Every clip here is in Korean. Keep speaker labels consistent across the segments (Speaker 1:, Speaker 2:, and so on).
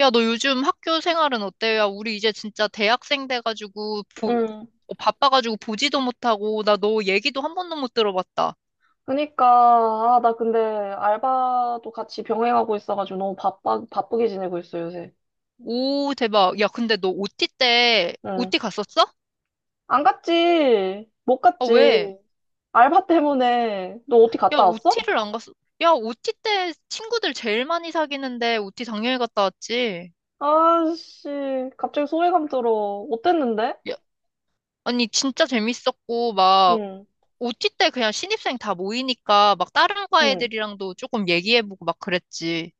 Speaker 1: 야, 너 요즘 학교 생활은 어때? 야, 우리 이제 진짜 대학생 돼가지고,
Speaker 2: 응.
Speaker 1: 바빠가지고 보지도 못하고, 나 너 얘기도 한 번도 못 들어봤다.
Speaker 2: 그니까, 아, 나 근데 알바도 같이 병행하고 있어가지고 바쁘게 지내고 있어, 요새.
Speaker 1: 오, 대박. 야, 근데 너
Speaker 2: 응.
Speaker 1: OT 갔었어?
Speaker 2: 안 갔지. 못
Speaker 1: 아,
Speaker 2: 갔지.
Speaker 1: 왜?
Speaker 2: 알바 때문에. 너 어디
Speaker 1: 야,
Speaker 2: 갔다 왔어?
Speaker 1: OT를 안 갔어. 야, OT 때 친구들 제일 많이 사귀는데 OT 당연히 갔다 왔지.
Speaker 2: 아씨, 갑자기 소외감 들어. 어땠는데?
Speaker 1: 야, 아니, 진짜 재밌었고,
Speaker 2: 응,
Speaker 1: OT 때 그냥 신입생 다 모이니까, 막 다른 과
Speaker 2: 응.
Speaker 1: 애들이랑도 조금 얘기해보고 막 그랬지.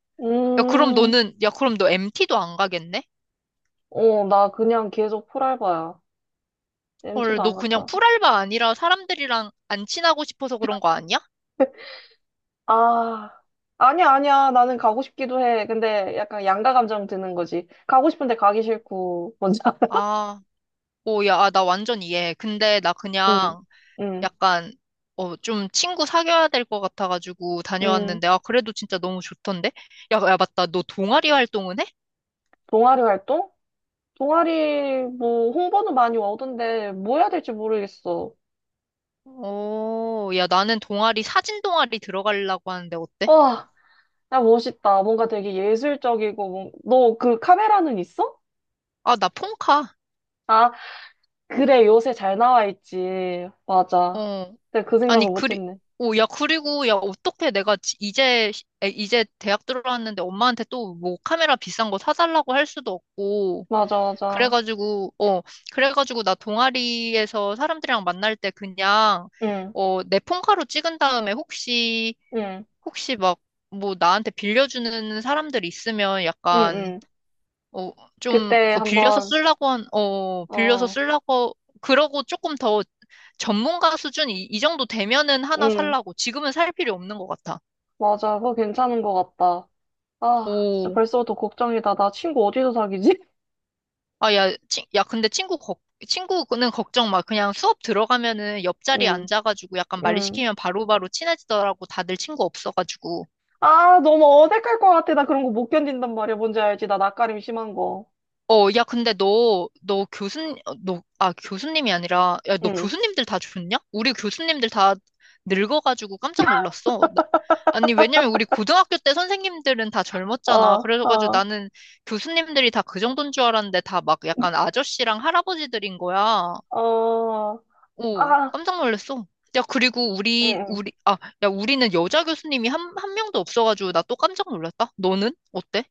Speaker 1: 야,
Speaker 2: 음,
Speaker 1: 그럼 너 MT도 안 가겠네?
Speaker 2: 나 그냥 계속 풀알바야. m 티도
Speaker 1: 헐, 너
Speaker 2: 안
Speaker 1: 그냥
Speaker 2: 갔다.
Speaker 1: 풀알바 아니라 사람들이랑 안 친하고 싶어서 그런 거 아니야?
Speaker 2: 아, 아니야, 아니야. 나는 가고 싶기도 해. 근데 약간 양가 감정 드는 거지. 가고 싶은데 가기 싫고. 뭔지
Speaker 1: 아, 오, 야, 아, 나 완전 이해해. 근데 나
Speaker 2: 응,
Speaker 1: 그냥
Speaker 2: 응,
Speaker 1: 약간, 좀 친구 사귀어야 될 것 같아가지고
Speaker 2: 응.
Speaker 1: 다녀왔는데, 아, 그래도 진짜 너무 좋던데? 야, 야, 맞다. 너 동아리 활동은 해?
Speaker 2: 동아리 활동? 동아리 뭐 홍보는 많이 오던데 뭐 해야 될지 모르겠어.
Speaker 1: 오, 야, 사진 동아리 들어가려고 하는데 어때?
Speaker 2: 와, 야 멋있다. 뭔가 되게 예술적이고 너 그 카메라는 있어?
Speaker 1: 아, 나 폰카.
Speaker 2: 아, 그래 요새 잘 나와 있지. 맞아.
Speaker 1: 어.
Speaker 2: 근데 그
Speaker 1: 아니,
Speaker 2: 생각을
Speaker 1: 그리,
Speaker 2: 못했네.
Speaker 1: 오, 야, 그리고, 야, 어떻게 내가 이제 대학 들어왔는데 엄마한테 또 뭐 카메라 비싼 거 사달라고 할 수도 없고.
Speaker 2: 맞아, 맞아.
Speaker 1: 그래가지고, 어, 그래가지고 나 동아리에서 사람들이랑 만날 때 그냥,
Speaker 2: 응,
Speaker 1: 내 폰카로 찍은 다음에 혹시,
Speaker 2: 응,
Speaker 1: 혹시 막, 뭐 나한테 빌려주는 사람들 있으면
Speaker 2: 응,
Speaker 1: 약간,
Speaker 2: 응.
Speaker 1: 어,
Speaker 2: 그때
Speaker 1: 그
Speaker 2: 한번
Speaker 1: 빌려서
Speaker 2: 어,
Speaker 1: 쓰려고, 그러고 조금 더 전문가 수준 이 정도 되면은 하나
Speaker 2: 응,
Speaker 1: 살라고. 지금은 살 필요 없는 것 같아.
Speaker 2: 맞아. 그거 괜찮은 것 같다. 아, 진짜
Speaker 1: 오,
Speaker 2: 벌써부터 걱정이다. 나 친구 어디서 사귀지?
Speaker 1: 아, 야, 친, 야, 근데 친구, 걱, 친구는 걱정 마. 그냥 수업 들어가면은 옆자리에
Speaker 2: 응,
Speaker 1: 앉아가지고 약간
Speaker 2: 응.
Speaker 1: 말리시키면 바로바로 친해지더라고. 다들 친구 없어가지고.
Speaker 2: 너무 어색할 것 같아. 나 그런 거 못 견딘단 말이야. 뭔지 알지? 나 낯가림 심한 거.
Speaker 1: 어, 야, 근데 너, 너 교수님, 어, 너, 아, 교수님이 아니라, 야, 너
Speaker 2: 응.
Speaker 1: 교수님들 다 죽었냐? 우리 교수님들 다 늙어가지고 깜짝 놀랐어. 아니, 왜냐면 우리 고등학교 때 선생님들은 다 젊었잖아.
Speaker 2: 어,
Speaker 1: 그래가지고
Speaker 2: 어,
Speaker 1: 나는 교수님들이 다 그 정도인 줄 알았는데 다 막 약간 아저씨랑 할아버지들인 거야.
Speaker 2: 어.
Speaker 1: 오,
Speaker 2: 아,
Speaker 1: 깜짝 놀랐어. 야, 그리고
Speaker 2: 응, 응.
Speaker 1: 우리는 여자 교수님이 한 명도 없어가지고 나 또 깜짝 놀랐다. 너는? 어때?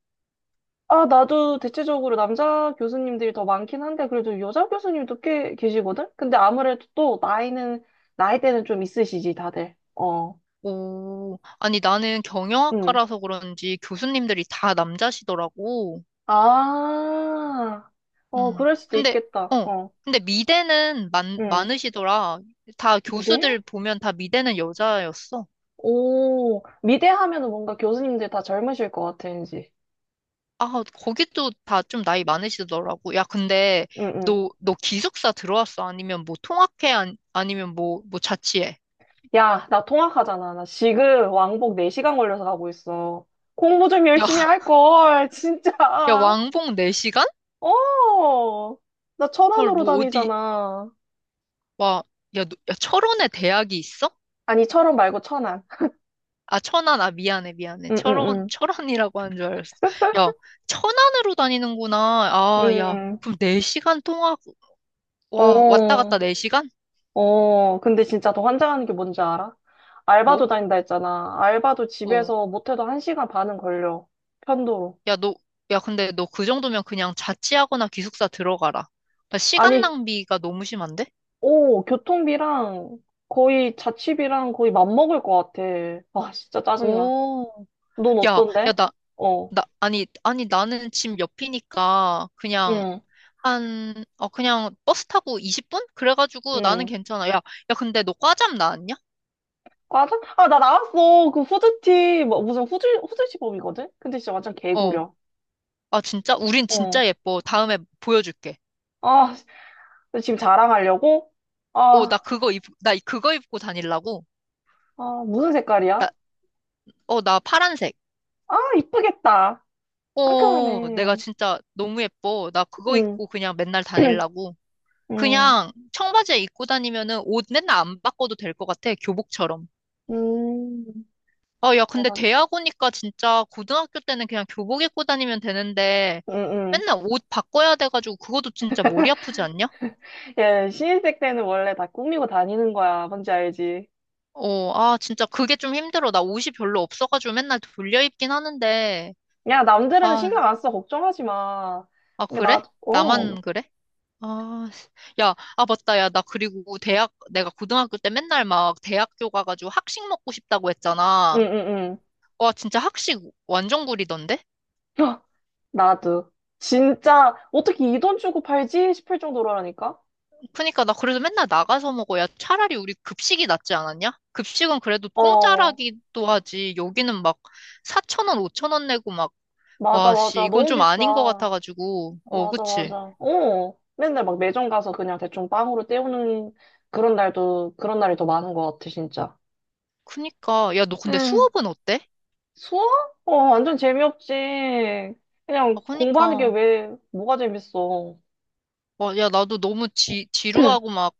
Speaker 2: 아, 나도 대체적으로 남자 교수님들이 더 많긴 한데, 그래도 여자 교수님도 꽤 계시거든? 근데 아무래도 또 나이대는 좀 있으시지, 다들. 어,
Speaker 1: 오, 아니 나는
Speaker 2: 응.
Speaker 1: 경영학과라서 그런지 교수님들이 다 남자시더라고.
Speaker 2: 아,
Speaker 1: 음.
Speaker 2: 그럴 수도
Speaker 1: 근데
Speaker 2: 있겠다.
Speaker 1: 어,
Speaker 2: 어,
Speaker 1: 근데 미대는
Speaker 2: 응.
Speaker 1: 많으시더라. 다
Speaker 2: 미대?
Speaker 1: 교수들 보면 다 미대는 여자였어.
Speaker 2: 오, 미대 하면은 뭔가 교수님들 다 젊으실 것 같아, 왠지.
Speaker 1: 아, 거기도 다 좀 나이 많으시더라고. 야, 근데
Speaker 2: 응, 응.
Speaker 1: 너 기숙사 들어왔어? 아니면 뭐 통학해? 아니, 아니면 뭐, 뭐 자취해?
Speaker 2: 야, 나 통학하잖아. 나 지금 왕복 4시간 걸려서 가고 있어. 공부 좀
Speaker 1: 야,
Speaker 2: 열심히 할 걸, 진짜.
Speaker 1: 야, 왕복 4시간?
Speaker 2: 어, 나
Speaker 1: 헐,
Speaker 2: 천안으로
Speaker 1: 뭐 어디,
Speaker 2: 다니잖아.
Speaker 1: 와, 야, 너, 야, 철원에 대학이 있어?
Speaker 2: 아니, 철원 말고 천안.
Speaker 1: 아, 천안, 아, 미안해.
Speaker 2: 응, 응, 응.
Speaker 1: 철원이라고 한 줄 알았어. 야, 천안으로 다니는구나. 아, 야,
Speaker 2: 응.
Speaker 1: 그럼 4시간 통화, 와, 왔다
Speaker 2: 어,
Speaker 1: 갔다 4시간?
Speaker 2: 어. 근데 진짜 더 환장하는 게 뭔지 알아? 알바도
Speaker 1: 뭐?
Speaker 2: 다닌다 했잖아. 알바도
Speaker 1: 어,
Speaker 2: 집에서 못해도 1시간 반은 걸려. 편도로.
Speaker 1: 야, 근데 너 그 정도면 그냥 자취하거나 기숙사 들어가라. 야, 시간
Speaker 2: 아니,
Speaker 1: 낭비가 너무 심한데?
Speaker 2: 오, 교통비랑 거의 자취비랑 거의 맞먹을 것 같아. 아, 진짜 짜증나.
Speaker 1: 오,
Speaker 2: 넌
Speaker 1: 야, 야,
Speaker 2: 어떤데?
Speaker 1: 나,
Speaker 2: 어,
Speaker 1: 나, 아니, 아니, 나는 집 옆이니까 그냥
Speaker 2: 응,
Speaker 1: 한, 어, 그냥 버스 타고 20분? 그래가지고 나는
Speaker 2: 응.
Speaker 1: 괜찮아. 야, 야, 근데 너 과잠 나왔냐?
Speaker 2: 과자? 아, 나 나왔어. 그 후드티, 무슨 후드 시범이거든? 근데 진짜 완전
Speaker 1: 어.
Speaker 2: 개구려.
Speaker 1: 아, 진짜? 우린 진짜
Speaker 2: 어.
Speaker 1: 예뻐. 다음에 보여줄게.
Speaker 2: 아, 너 지금 자랑하려고?
Speaker 1: 어,
Speaker 2: 아,
Speaker 1: 나 그거 입고 다닐라고?
Speaker 2: 무슨 색깔이야?
Speaker 1: 나, 나 파란색.
Speaker 2: 아, 이쁘겠다.
Speaker 1: 어, 내가
Speaker 2: 상큼하네.
Speaker 1: 진짜 너무 예뻐. 나 그거
Speaker 2: 응,
Speaker 1: 입고 그냥 맨날 다닐라고.
Speaker 2: 응,
Speaker 1: 그냥 청바지에 입고 다니면은 옷 맨날 안 바꿔도 될 것 같아. 교복처럼.
Speaker 2: 응.
Speaker 1: 아, 야, 근데
Speaker 2: 대박.
Speaker 1: 대학 오니까 진짜 고등학교 때는 그냥 교복 입고 다니면 되는데
Speaker 2: 응, 응.
Speaker 1: 맨날 옷 바꿔야 돼가지고 그것도 진짜 머리 아프지 않냐?
Speaker 2: 예, 신입생 때는 원래 다 꾸미고 다니는 거야. 뭔지 알지?
Speaker 1: 어, 아, 진짜 그게 좀 힘들어. 나 옷이 별로 없어가지고 맨날 돌려 입긴 하는데.
Speaker 2: 야, 남들은
Speaker 1: 아,
Speaker 2: 신경 안 써. 걱정하지 마.
Speaker 1: 아,
Speaker 2: 그러니까
Speaker 1: 그래?
Speaker 2: 나, 응,
Speaker 1: 나만 그래? 아, 씨. 야, 아, 맞다. 야, 나 그리고 대학, 내가 고등학교 때 맨날 막 대학교 가가지고 학식 먹고 싶다고
Speaker 2: 응,
Speaker 1: 했잖아.
Speaker 2: 응.
Speaker 1: 와, 진짜 학식 완전 구리던데?
Speaker 2: 헉, 나도. 진짜, 어떻게 이 돈 주고 팔지 싶을 정도라니까?
Speaker 1: 그니까 나 그래서 맨날 나가서 먹어. 야, 차라리 우리 급식이 낫지 않았냐? 급식은 그래도
Speaker 2: 어,
Speaker 1: 공짜라기도 하지. 여기는 막 4천원, 5천원 내고 막,
Speaker 2: 맞아,
Speaker 1: 와,
Speaker 2: 맞아.
Speaker 1: 씨, 이건
Speaker 2: 너무
Speaker 1: 좀 아닌 것
Speaker 2: 비싸.
Speaker 1: 같아가지고. 어,
Speaker 2: 맞아, 맞아.
Speaker 1: 그치?
Speaker 2: 어, 맨날 막 매점 가서 그냥 대충 빵으로 때우는 그런 날이 더 많은 것 같아, 진짜.
Speaker 1: 그니까. 야, 너 근데
Speaker 2: 응.
Speaker 1: 수업은 어때?
Speaker 2: 수학? 어, 완전 재미없지.
Speaker 1: 아,
Speaker 2: 그냥 공부하는 게
Speaker 1: 그니까.
Speaker 2: 왜, 뭐가 재밌어.
Speaker 1: 와, 야, 나도 너무 지루하고 막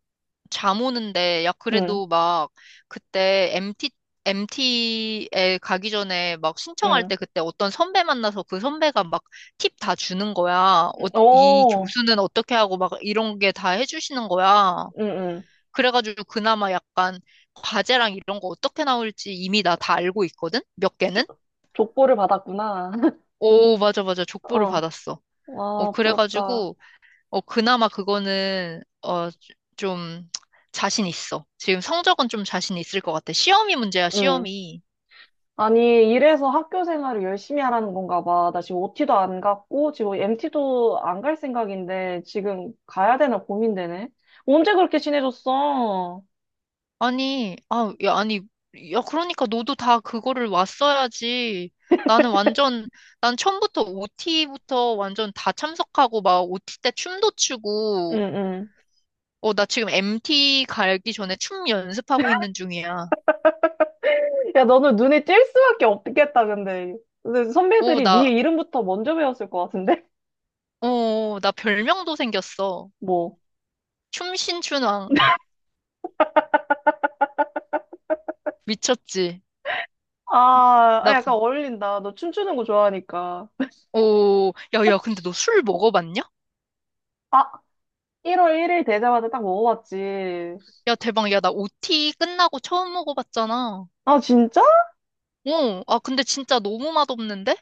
Speaker 1: 잠 오는데, 야,
Speaker 2: 응,
Speaker 1: 그래도 막, 그때 MT, MT에 가기 전에 막 신청할
Speaker 2: 응.
Speaker 1: 때 그때 어떤 선배 만나서 그 선배가 막 팁 다 주는 거야. 어, 이
Speaker 2: 응,
Speaker 1: 교수는 어떻게 하고 막 이런 게 다 해주시는 거야.
Speaker 2: 응.
Speaker 1: 그래가지고 그나마 약간 과제랑 이런 거 어떻게 나올지 이미 나 다 알고 있거든? 몇 개는?
Speaker 2: 조- 족보를 받았구나.
Speaker 1: 오, 맞아, 맞아. 족보를
Speaker 2: 어,
Speaker 1: 받았어. 어,
Speaker 2: 와, 부럽다.
Speaker 1: 그래가지고, 어, 그나마 그거는, 어, 좀, 자신 있어. 지금 성적은 좀 자신 있을 것 같아. 시험이 문제야,
Speaker 2: 응.
Speaker 1: 시험이.
Speaker 2: 아니, 이래서 학교 생활을 열심히 하라는 건가 봐. 나 지금 OT도 안 갔고, 지금 MT도 안 갈 생각인데, 지금 가야 되나 고민되네. 언제 그렇게 친해졌어?
Speaker 1: 아니, 아, 야, 아니, 야, 그러니까 너도 다 그거를 왔어야지. 나는 완전, 난 처음부터 OT부터 완전 다 참석하고, 막 OT 때 춤도 추고,
Speaker 2: 응, 응.
Speaker 1: 어, 나 지금 MT 가기 전에 춤 연습하고 있는 중이야.
Speaker 2: 야, 너는 눈에 띌 수밖에 없겠다, 근데. 근데
Speaker 1: 오,
Speaker 2: 선배들이
Speaker 1: 나,
Speaker 2: 네 이름부터 먼저 배웠을 것 같은데?
Speaker 1: 나 별명도 생겼어.
Speaker 2: 뭐.
Speaker 1: 춤신춘왕. 미쳤지? 나 그
Speaker 2: 약간 어울린다. 너 춤추는 거 좋아하니까.
Speaker 1: 오, 야, 야, 근데 너 술 먹어봤냐?
Speaker 2: 아, 1월 1일 되자마자 딱 먹어봤지.
Speaker 1: 야, 대박. 야, 나 OT 끝나고 처음 먹어봤잖아.
Speaker 2: 아, 진짜?
Speaker 1: 어, 아, 근데 진짜 너무 맛없는데?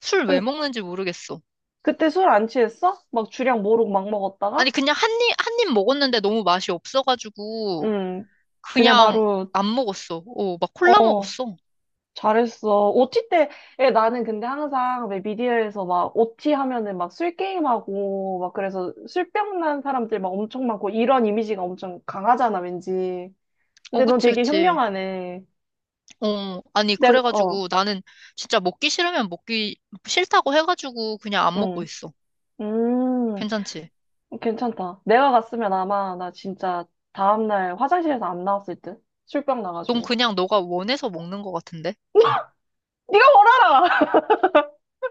Speaker 1: 술 왜
Speaker 2: 근-
Speaker 1: 먹는지 모르겠어.
Speaker 2: 그때 술 안 취했어? 막 주량 모르고 막
Speaker 1: 아니,
Speaker 2: 먹었다가?
Speaker 1: 그냥 한 입, 한 입 먹었는데 너무 맛이 없어가지고,
Speaker 2: 음, 그냥
Speaker 1: 그냥
Speaker 2: 바로,
Speaker 1: 안 먹었어. 어, 막 콜라
Speaker 2: 어,
Speaker 1: 먹었어.
Speaker 2: 잘했어. 오티 때, 에 나는 근데 항상 왜 미디어에서 막 OT 하면은 막 술 게임하고, 막 그래서 술병 난 사람들 막 엄청 많고, 이런 이미지가 엄청 강하잖아, 왠지.
Speaker 1: 어,
Speaker 2: 근데 넌
Speaker 1: 그치,
Speaker 2: 되게
Speaker 1: 그치.
Speaker 2: 현명하네.
Speaker 1: 어, 아니,
Speaker 2: 내가, 어,
Speaker 1: 그래가지고 나는 진짜 먹기 싫으면 먹기 싫다고 해가지고 그냥 안 먹고
Speaker 2: 응.
Speaker 1: 있어.
Speaker 2: 음,
Speaker 1: 괜찮지?
Speaker 2: 괜찮다. 내가 갔으면 아마 나 진짜 다음날 화장실에서 안 나왔을 듯? 술병
Speaker 1: 넌
Speaker 2: 나가지고.
Speaker 1: 그냥 너가 원해서 먹는 것 같은데?
Speaker 2: 네가 뭘 알아!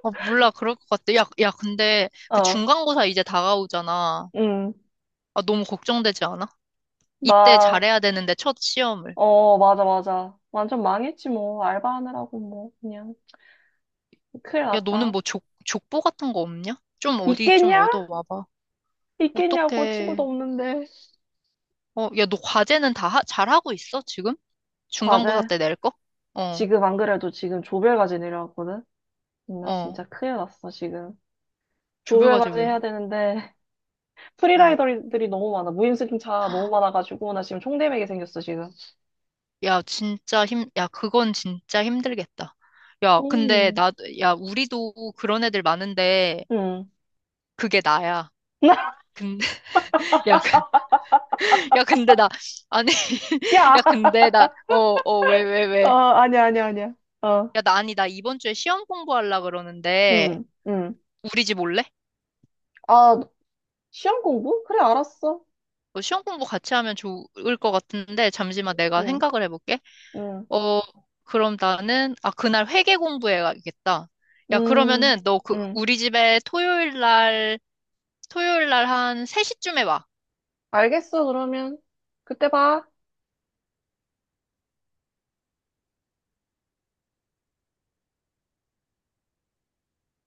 Speaker 1: 아, 몰라. 그럴 것 같아. 야, 야, 근데 그
Speaker 2: 어,
Speaker 1: 중간고사 이제 다가오잖아.
Speaker 2: 음,
Speaker 1: 아, 너무 걱정되지 않아? 이때
Speaker 2: 나,
Speaker 1: 잘해야 되는데, 첫 시험을.
Speaker 2: 맞아, 맞아. 완전 망했지, 뭐. 알바하느라고, 뭐. 그냥. 큰일
Speaker 1: 야, 너는
Speaker 2: 났다.
Speaker 1: 뭐 족보 같은 거 없냐? 좀 어디 좀
Speaker 2: 있겠냐?
Speaker 1: 얻어와봐.
Speaker 2: 있겠냐고,
Speaker 1: 어떡해.
Speaker 2: 친구도 없는데.
Speaker 1: 어, 야, 너 과제는 잘하고 있어, 지금? 중간고사
Speaker 2: 과제.
Speaker 1: 때 낼 거? 어,
Speaker 2: 지금 안 그래도 지금 조별과제 내려왔거든? 나
Speaker 1: 어.
Speaker 2: 진짜 큰일 났어, 지금.
Speaker 1: 조별과제
Speaker 2: 조별과제
Speaker 1: 왜?
Speaker 2: 해야 되는데,
Speaker 1: 어.
Speaker 2: 프리라이더들이 너무 많아. 무임승차 너무 많아가지고, 나 지금 총대맥이 생겼어, 지금.
Speaker 1: 야, 그건 진짜 힘들겠다. 야,
Speaker 2: 음.
Speaker 1: 우리도 그런 애들 많은데,
Speaker 2: 음.
Speaker 1: 그게 나야. 근데, 야, 야, 근데 나, 아니,
Speaker 2: 야!
Speaker 1: 야, 근데 나, 어, 어, 왜, 왜, 왜.
Speaker 2: 아니야, 아니야, 아니야. 어,
Speaker 1: 야, 나, 아니, 나 이번 주에 시험 공부하려 그러는데,
Speaker 2: 응, 응.
Speaker 1: 우리 집 올래?
Speaker 2: 아, 시험 공부? 그래, 알았어.
Speaker 1: 어, 시험 공부 같이 하면 좋을 것 같은데, 잠시만 내가
Speaker 2: 응,
Speaker 1: 생각을 해볼게.
Speaker 2: 응.
Speaker 1: 어, 그럼 나는, 아, 그날 회계 공부해야겠다. 야,
Speaker 2: 음,
Speaker 1: 그러면은,
Speaker 2: 음.
Speaker 1: 우리 집에 토요일 날 한 3시쯤에 와.
Speaker 2: 알겠어, 그러면. 그때 봐.